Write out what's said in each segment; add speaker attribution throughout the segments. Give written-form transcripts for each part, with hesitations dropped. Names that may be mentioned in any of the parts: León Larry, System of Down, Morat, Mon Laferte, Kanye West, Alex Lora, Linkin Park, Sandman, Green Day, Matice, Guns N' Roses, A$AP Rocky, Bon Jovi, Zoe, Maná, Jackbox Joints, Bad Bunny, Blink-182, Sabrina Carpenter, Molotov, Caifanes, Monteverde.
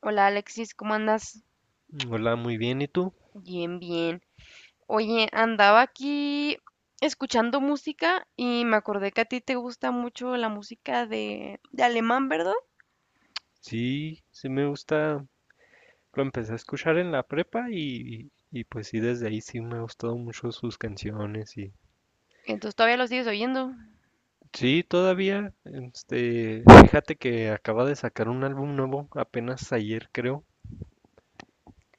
Speaker 1: Hola Alexis, ¿cómo andas?
Speaker 2: Hola, muy bien. ¿Y tú?
Speaker 1: Bien, bien. Oye, andaba aquí escuchando música y me acordé que a ti te gusta mucho la música de alemán, ¿verdad?
Speaker 2: Sí, sí me gusta. Lo empecé a escuchar en la prepa y pues sí, desde ahí sí me ha gustado mucho sus canciones y
Speaker 1: Entonces todavía lo sigues oyendo.
Speaker 2: sí, todavía, este, fíjate que acaba de sacar un álbum nuevo apenas ayer creo,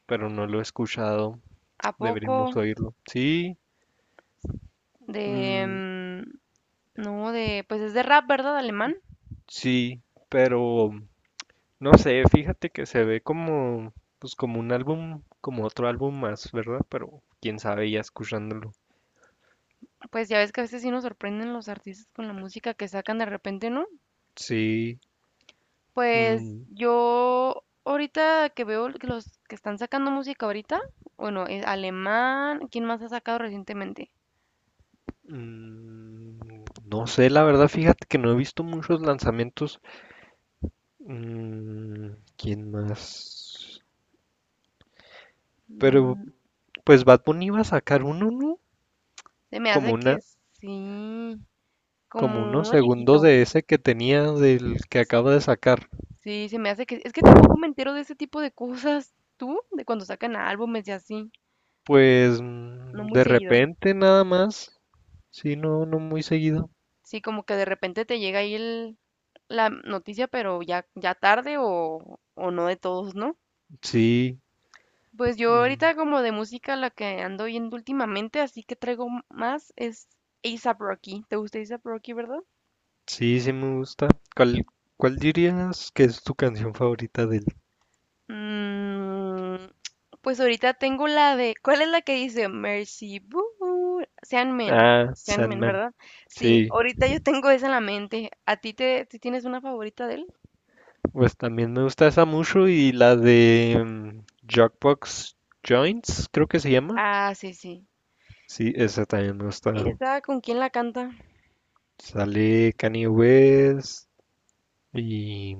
Speaker 2: pero no lo he escuchado.
Speaker 1: ¿A poco?
Speaker 2: Deberíamos oírlo. Sí,
Speaker 1: De...
Speaker 2: mm,
Speaker 1: mm, no, de... Pues es de rap, ¿verdad? Alemán.
Speaker 2: sí, pero no sé, fíjate que se ve como, pues como un álbum, como otro álbum más, ¿verdad? Pero quién sabe ya escuchándolo.
Speaker 1: Pues ya ves que a veces sí nos sorprenden los artistas con la música que sacan de repente, ¿no?
Speaker 2: Sí.
Speaker 1: Pues
Speaker 2: Mm,
Speaker 1: yo ahorita que veo que los que están sacando música ahorita, bueno, es alemán, ¿quién más ha sacado recientemente?
Speaker 2: mm, no sé, la verdad, fíjate que no he visto muchos lanzamientos. ¿Quién más? Pero
Speaker 1: Mm,
Speaker 2: pues Bad Bunny iba a sacar uno, ¿no?
Speaker 1: Se me
Speaker 2: Como
Speaker 1: hace que
Speaker 2: una,
Speaker 1: sí,
Speaker 2: como
Speaker 1: como
Speaker 2: unos
Speaker 1: uno
Speaker 2: segundos
Speaker 1: chiquito.
Speaker 2: de ese que tenía del que acaba de sacar.
Speaker 1: Sí, se me hace que... Es que tampoco me entero de ese tipo de cosas, tú, de cuando sacan álbumes y así,
Speaker 2: Pues
Speaker 1: no muy
Speaker 2: de
Speaker 1: seguido.
Speaker 2: repente nada más. Sí, no, no muy seguido.
Speaker 1: Sí, como que de repente te llega ahí la noticia, pero ya tarde o no de todos, ¿no?
Speaker 2: Sí,
Speaker 1: Pues yo
Speaker 2: mm,
Speaker 1: ahorita como de música la que ando oyendo últimamente, así que traigo más es A$AP Rocky. ¿Te gusta A$AP Rocky, verdad?
Speaker 2: sí, sí me gusta. ¿Cuál, cuál dirías que es tu canción favorita de él?
Speaker 1: Mm, pues ahorita tengo la de, ¿cuál es la que dice? Mercy Boo, Sandman,
Speaker 2: Ah, Sandman.
Speaker 1: Verdad? Sí,
Speaker 2: Sí.
Speaker 1: ahorita yo tengo esa en la mente. ¿A ti ti tienes una favorita de él?
Speaker 2: Pues también me gusta esa mucho y la de Jackbox Joints, creo que se llama.
Speaker 1: Ah, sí, sí.
Speaker 2: Sí, esa también me gusta.
Speaker 1: ¿Esa con quién la canta?
Speaker 2: Sale Kanye West y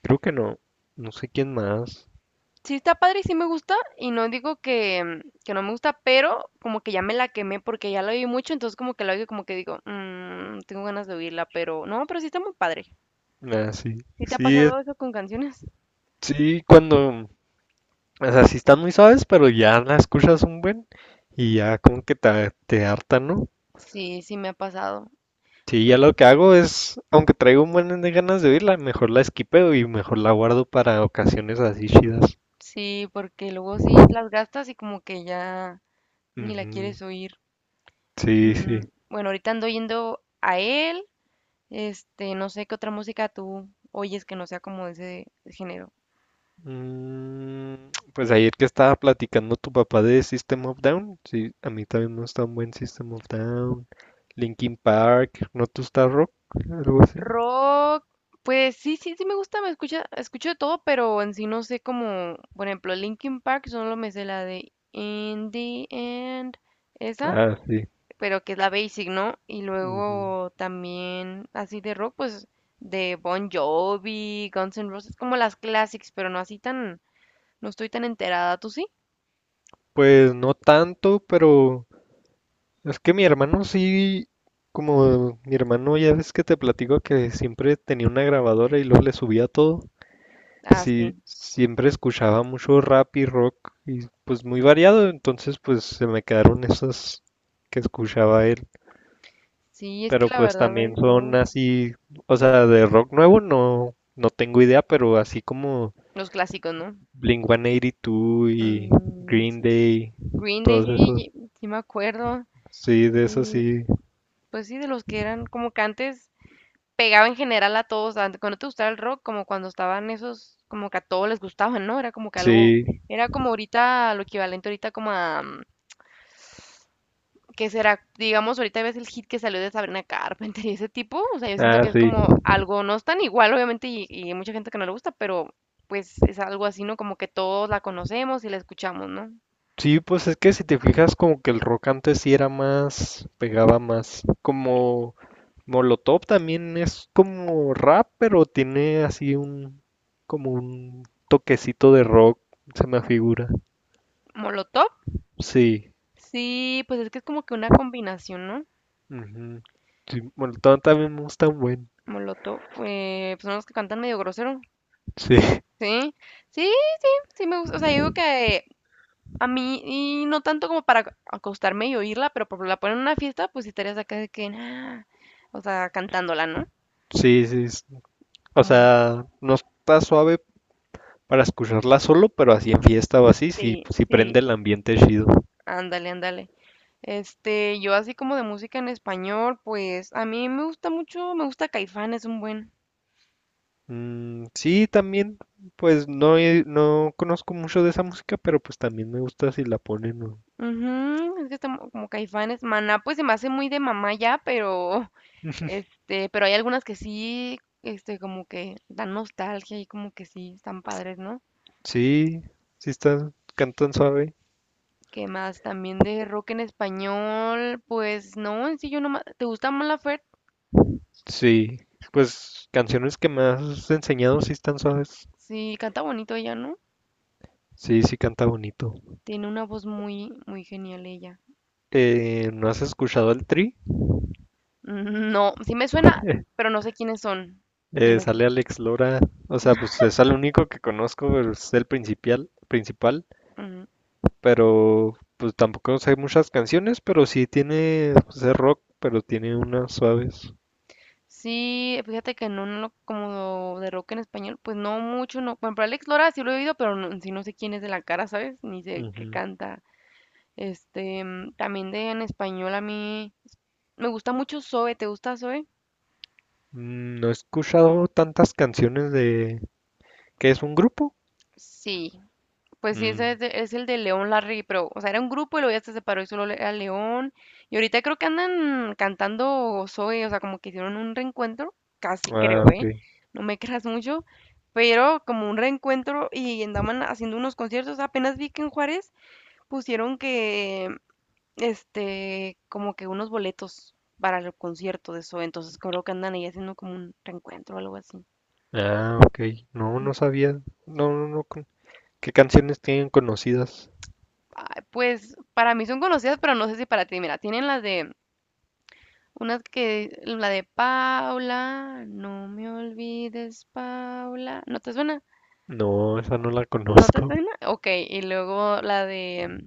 Speaker 2: creo que no, no sé quién más.
Speaker 1: Sí, está padre y sí me gusta. Y no digo que no me gusta, pero como que ya me la quemé porque ya la oí mucho. Entonces, como que la oigo, y como que digo, Tengo ganas de oírla, pero no, pero sí está muy padre".
Speaker 2: Ah, sí,
Speaker 1: ¿Sí te ha
Speaker 2: sí,
Speaker 1: pasado eso con canciones?
Speaker 2: sí, cuando, o sea, sí están muy suaves, pero ya la escuchas un buen y ya como que te harta, ¿no?
Speaker 1: Sí, sí me ha pasado.
Speaker 2: Sí, ya
Speaker 1: Pues
Speaker 2: lo que hago es, aunque traigo un buen de ganas de oírla, mejor la esquipeo y mejor la guardo para ocasiones así chidas.
Speaker 1: sí, porque luego sí las gastas y como que ya ni la
Speaker 2: Ujú.
Speaker 1: quieres oír.
Speaker 2: Sí, sí.
Speaker 1: Bueno, ahorita ando yendo a él. Este, no sé qué otra música tú oyes que no sea como de ese género.
Speaker 2: Pues ayer que estaba platicando tu papá de System of Down, sí, a mí también me gusta un buen System of Down, Linkin Park, ¿no te gusta rock? Algo así.
Speaker 1: Rock, pues sí, sí, sí me gusta, escucho de todo, pero en sí no sé como, por ejemplo, Linkin Park, solo me sé la de In the End, esa.
Speaker 2: Ah, sí.
Speaker 1: Pero que es la basic, ¿no? Y
Speaker 2: Ujú.
Speaker 1: luego también así de rock, pues de Bon Jovi, Guns N' Roses, como las classics, pero no así tan, no estoy tan enterada, ¿tú sí?
Speaker 2: Pues no tanto, pero es que mi hermano sí, como mi hermano ya ves que te platico que siempre tenía una grabadora y luego le subía todo.
Speaker 1: Ah, sí.
Speaker 2: Siempre escuchaba mucho rap y rock y pues muy variado, entonces pues se me quedaron esas que escuchaba él,
Speaker 1: Sí, es que
Speaker 2: pero
Speaker 1: la
Speaker 2: pues
Speaker 1: verdad hay
Speaker 2: también
Speaker 1: de
Speaker 2: son
Speaker 1: todo.
Speaker 2: así, o sea, de rock nuevo no tengo idea, pero así como
Speaker 1: Los clásicos, ¿no?
Speaker 2: Blink-182 y dos y
Speaker 1: Mm,
Speaker 2: Green
Speaker 1: sí.
Speaker 2: Day,
Speaker 1: Green Day,
Speaker 2: todos
Speaker 1: sí,
Speaker 2: esos,
Speaker 1: sí, sí me acuerdo.
Speaker 2: sí, de esos
Speaker 1: Sí,
Speaker 2: sí,
Speaker 1: pues sí, de los que eran como que antes pegaba en general a todos, cuando te gustaba el rock, como cuando estaban esos, como que a todos les gustaban, ¿no? Era como que algo,
Speaker 2: sí,
Speaker 1: era como ahorita, lo equivalente ahorita como a que será? Digamos, ahorita ves el hit que salió de Sabrina Carpenter y ese tipo, o sea, yo siento que
Speaker 2: ah,
Speaker 1: es
Speaker 2: sí.
Speaker 1: como algo, no es tan igual, obviamente, y hay mucha gente que no le gusta, pero pues es algo así, ¿no? Como que todos la conocemos y la escuchamos, ¿no?
Speaker 2: Sí, pues es que si te fijas como que el rock antes sí era más, pegaba más, como Molotov también es como rap, pero tiene así un, como un toquecito de rock, se me figura.
Speaker 1: Molotov,
Speaker 2: Sí,
Speaker 1: sí, pues es que es como que una combinación, ¿no?
Speaker 2: ujú. Sí, Molotov también es tan buen.
Speaker 1: Molotov, pues son los que cantan medio grosero,
Speaker 2: Sí,
Speaker 1: sí, sí, sí me gusta, o sea, yo digo que a mí, y no tanto como para acostarme y oírla, pero por la ponen en una fiesta, pues sí estarías acá de que, nah, o sea, cantándola, ¿no?
Speaker 2: sí, sí. O
Speaker 1: Como
Speaker 2: sea, no está suave para escucharla solo, pero así en fiesta o así, sí,
Speaker 1: Sí,
Speaker 2: sí
Speaker 1: sí,
Speaker 2: prende el ambiente chido.
Speaker 1: ándale, ándale. Este, yo así como de música en español, pues a mí me gusta mucho, me gusta Caifanes un buen.
Speaker 2: Sí, también, pues no, no conozco mucho de esa música, pero pues también me gusta si la ponen.
Speaker 1: Ujú, es que está como Caifanes, Maná, pues se me hace muy de mamá ya, pero pero hay algunas que sí, como que dan nostalgia y como que sí, están padres, ¿no?
Speaker 2: Sí, sí están, cantan suave.
Speaker 1: ¿Qué más? También de rock en español, pues no, en sí yo no, ¿te gusta Mon Laferte?
Speaker 2: Sí, pues canciones que me has enseñado sí están suaves.
Speaker 1: Sí, canta bonito ella, ¿no?
Speaker 2: Sí, sí canta bonito.
Speaker 1: Tiene una voz muy, muy genial ella.
Speaker 2: ¿No has escuchado al Tri?
Speaker 1: No, sí me suena, pero no sé quiénes son. ¿Quiénes son?
Speaker 2: Sale Alex Lora, o sea, pues es el único que conozco, pero es el principal, principal,
Speaker 1: Ujú.
Speaker 2: pero pues tampoco sé muchas canciones, pero sí tiene, pues es rock, pero tiene unas suaves.
Speaker 1: Sí, fíjate que no, como de rock en español, pues no mucho, no. Bueno, pero Alex Lora sí lo he oído, pero no, sí no sé quién es de la cara, ¿sabes? Ni sé qué
Speaker 2: Ujú.
Speaker 1: canta. También de en español a mí me gusta mucho Zoe, ¿te gusta Zoe?
Speaker 2: No he escuchado tantas canciones de. ¿Qué es un grupo?
Speaker 1: Sí, pues sí,
Speaker 2: Mm,
Speaker 1: ese es, es el de León Larry, pero, o sea, era un grupo y luego ya se separó y solo era León. Y ahorita creo que andan cantando Zoe, o sea, como que hicieron un reencuentro, casi
Speaker 2: Ah,
Speaker 1: creo,
Speaker 2: ok.
Speaker 1: ¿eh? No me creas mucho, pero como un reencuentro y andaban haciendo unos conciertos. Apenas vi que en Juárez pusieron que, como que unos boletos para el concierto de Zoe, entonces creo que andan ahí haciendo como un reencuentro o algo así.
Speaker 2: Ah, ok. No, no sabía. No, no, no. ¿Qué canciones tienen conocidas?
Speaker 1: Ay, pues para mí son conocidas, pero no sé si para ti. Mira, tienen las de una que, la de Paula, no me olvides, Paula. ¿No te suena?
Speaker 2: No, esa no la
Speaker 1: ¿No te
Speaker 2: conozco.
Speaker 1: suena? Ok, y luego la de...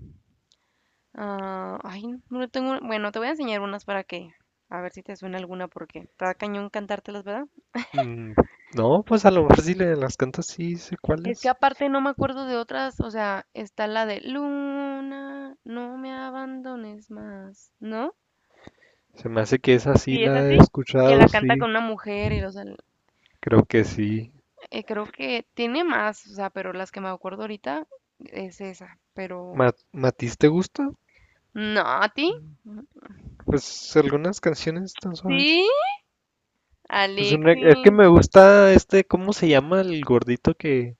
Speaker 1: ah, ay, no tengo... Bueno, te voy a enseñar unas para que... A ver si te suena alguna porque está cañón cantártelas, ¿verdad?
Speaker 2: Mm, No, pues a lo mejor si las cantas sí sé
Speaker 1: Es que
Speaker 2: cuáles.
Speaker 1: aparte no me acuerdo de otras, o sea, está la de Luna, no me abandones más, ¿no?
Speaker 2: Se me hace que esa sí
Speaker 1: Sí, es
Speaker 2: la he
Speaker 1: así, que la
Speaker 2: escuchado,
Speaker 1: canta
Speaker 2: sí.
Speaker 1: con una mujer y, o sea,
Speaker 2: Creo que sí.
Speaker 1: Creo que tiene más, o sea, pero las que me acuerdo ahorita es esa, pero
Speaker 2: ¿Matiz te gusta?
Speaker 1: no, ¿a ti?
Speaker 2: Mm. Pues algunas canciones tan suaves.
Speaker 1: Sí,
Speaker 2: Pues es que
Speaker 1: Alexis,
Speaker 2: me gusta este, ¿cómo se llama el gordito que...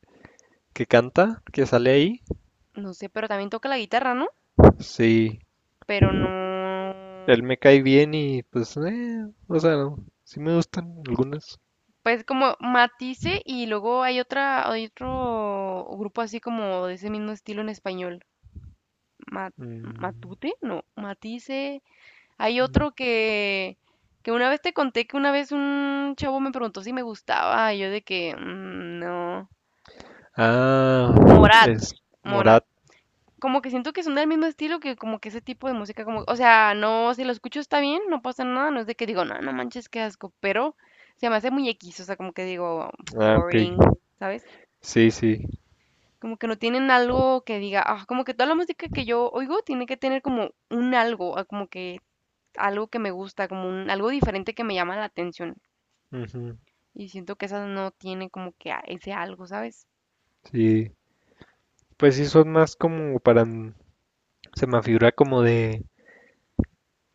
Speaker 2: que canta, que sale ahí,
Speaker 1: no sé, pero también toca la guitarra, ¿no?
Speaker 2: sí,
Speaker 1: Pero no,
Speaker 2: él me cae bien y pues, o sea, no, sí me gustan algunas.
Speaker 1: pues como Matice y luego hay hay otro grupo así como de ese mismo estilo en español, Ma-
Speaker 2: Mm,
Speaker 1: Matute, no, Matice, hay otro que una vez te conté que una vez un chavo me preguntó si me gustaba, y yo de que, No.
Speaker 2: Ah,
Speaker 1: Morat,
Speaker 2: es
Speaker 1: Morat".
Speaker 2: Morat.
Speaker 1: Como que siento que son del mismo estilo que como que ese tipo de música, como, o sea, no, si lo escucho está bien, no pasa nada, no es de que digo, no, no manches, qué asco, pero se me hace muy X, o sea, como que digo,
Speaker 2: Ah, ok.
Speaker 1: boring, ¿sabes?
Speaker 2: Sí, sí.
Speaker 1: Como que no tienen algo que diga, ah, como que toda la música que yo oigo tiene que tener como un algo, ah, como que algo que me gusta, como algo diferente que me llama la atención.
Speaker 2: Ujú,
Speaker 1: Y siento que esas no tienen como que ese algo, ¿sabes?
Speaker 2: sí. Pues sí, son más como para. Se me figura como de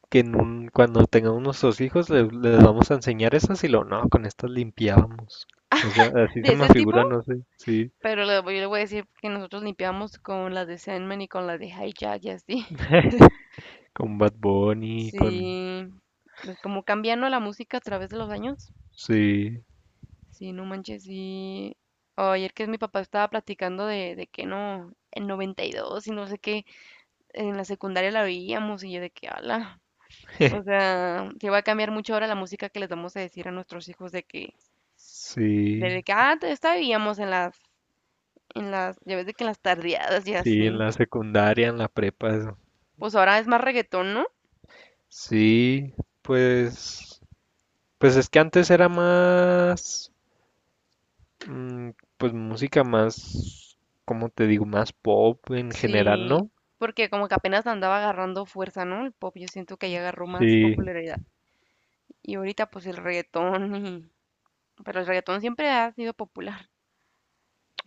Speaker 2: que en cuando tengamos nuestros hijos les vamos a enseñar esas y lo no, con estas limpiábamos. O sea, así
Speaker 1: De
Speaker 2: se me
Speaker 1: ese tipo,
Speaker 2: figura, no sé. Sí.
Speaker 1: pero yo le voy a decir que nosotros limpiamos con las de Sandman y con las de Hijack y así.
Speaker 2: Con Bad Bunny, con.
Speaker 1: Sí, pues como cambiando la música a través de los años.
Speaker 2: Sí.
Speaker 1: Sí, no manches, sí. Oh, ayer que mi papá estaba platicando de que no, en 92 y dos y no sé qué, en la secundaria la veíamos y yo de que ala. O sea, sí va a cambiar mucho ahora la música que les vamos a decir a nuestros hijos de que,
Speaker 2: Sí,
Speaker 1: de que antes estábamos en las, ya ves de que en las tardeadas y
Speaker 2: sí,
Speaker 1: así.
Speaker 2: en la secundaria, en la prepa, eso.
Speaker 1: Pues ahora es más reggaetón, ¿no?
Speaker 2: Sí, pues, pues es que antes era más, mm, pues música más, como te digo, más pop en general,
Speaker 1: Sí,
Speaker 2: ¿no?
Speaker 1: porque como que apenas andaba agarrando fuerza, ¿no? El pop, yo siento que ya agarró más
Speaker 2: Sí,
Speaker 1: popularidad. Y ahorita pues el reggaetón y... pero el reggaetón siempre ha sido popular,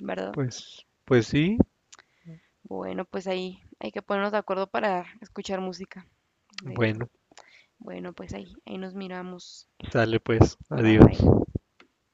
Speaker 1: ¿verdad?
Speaker 2: pues sí.
Speaker 1: Bueno, pues ahí hay que ponernos de acuerdo para escuchar música de eso.
Speaker 2: Bueno,
Speaker 1: Bueno, pues ahí nos miramos.
Speaker 2: sale pues,
Speaker 1: Bye
Speaker 2: adiós.
Speaker 1: bye.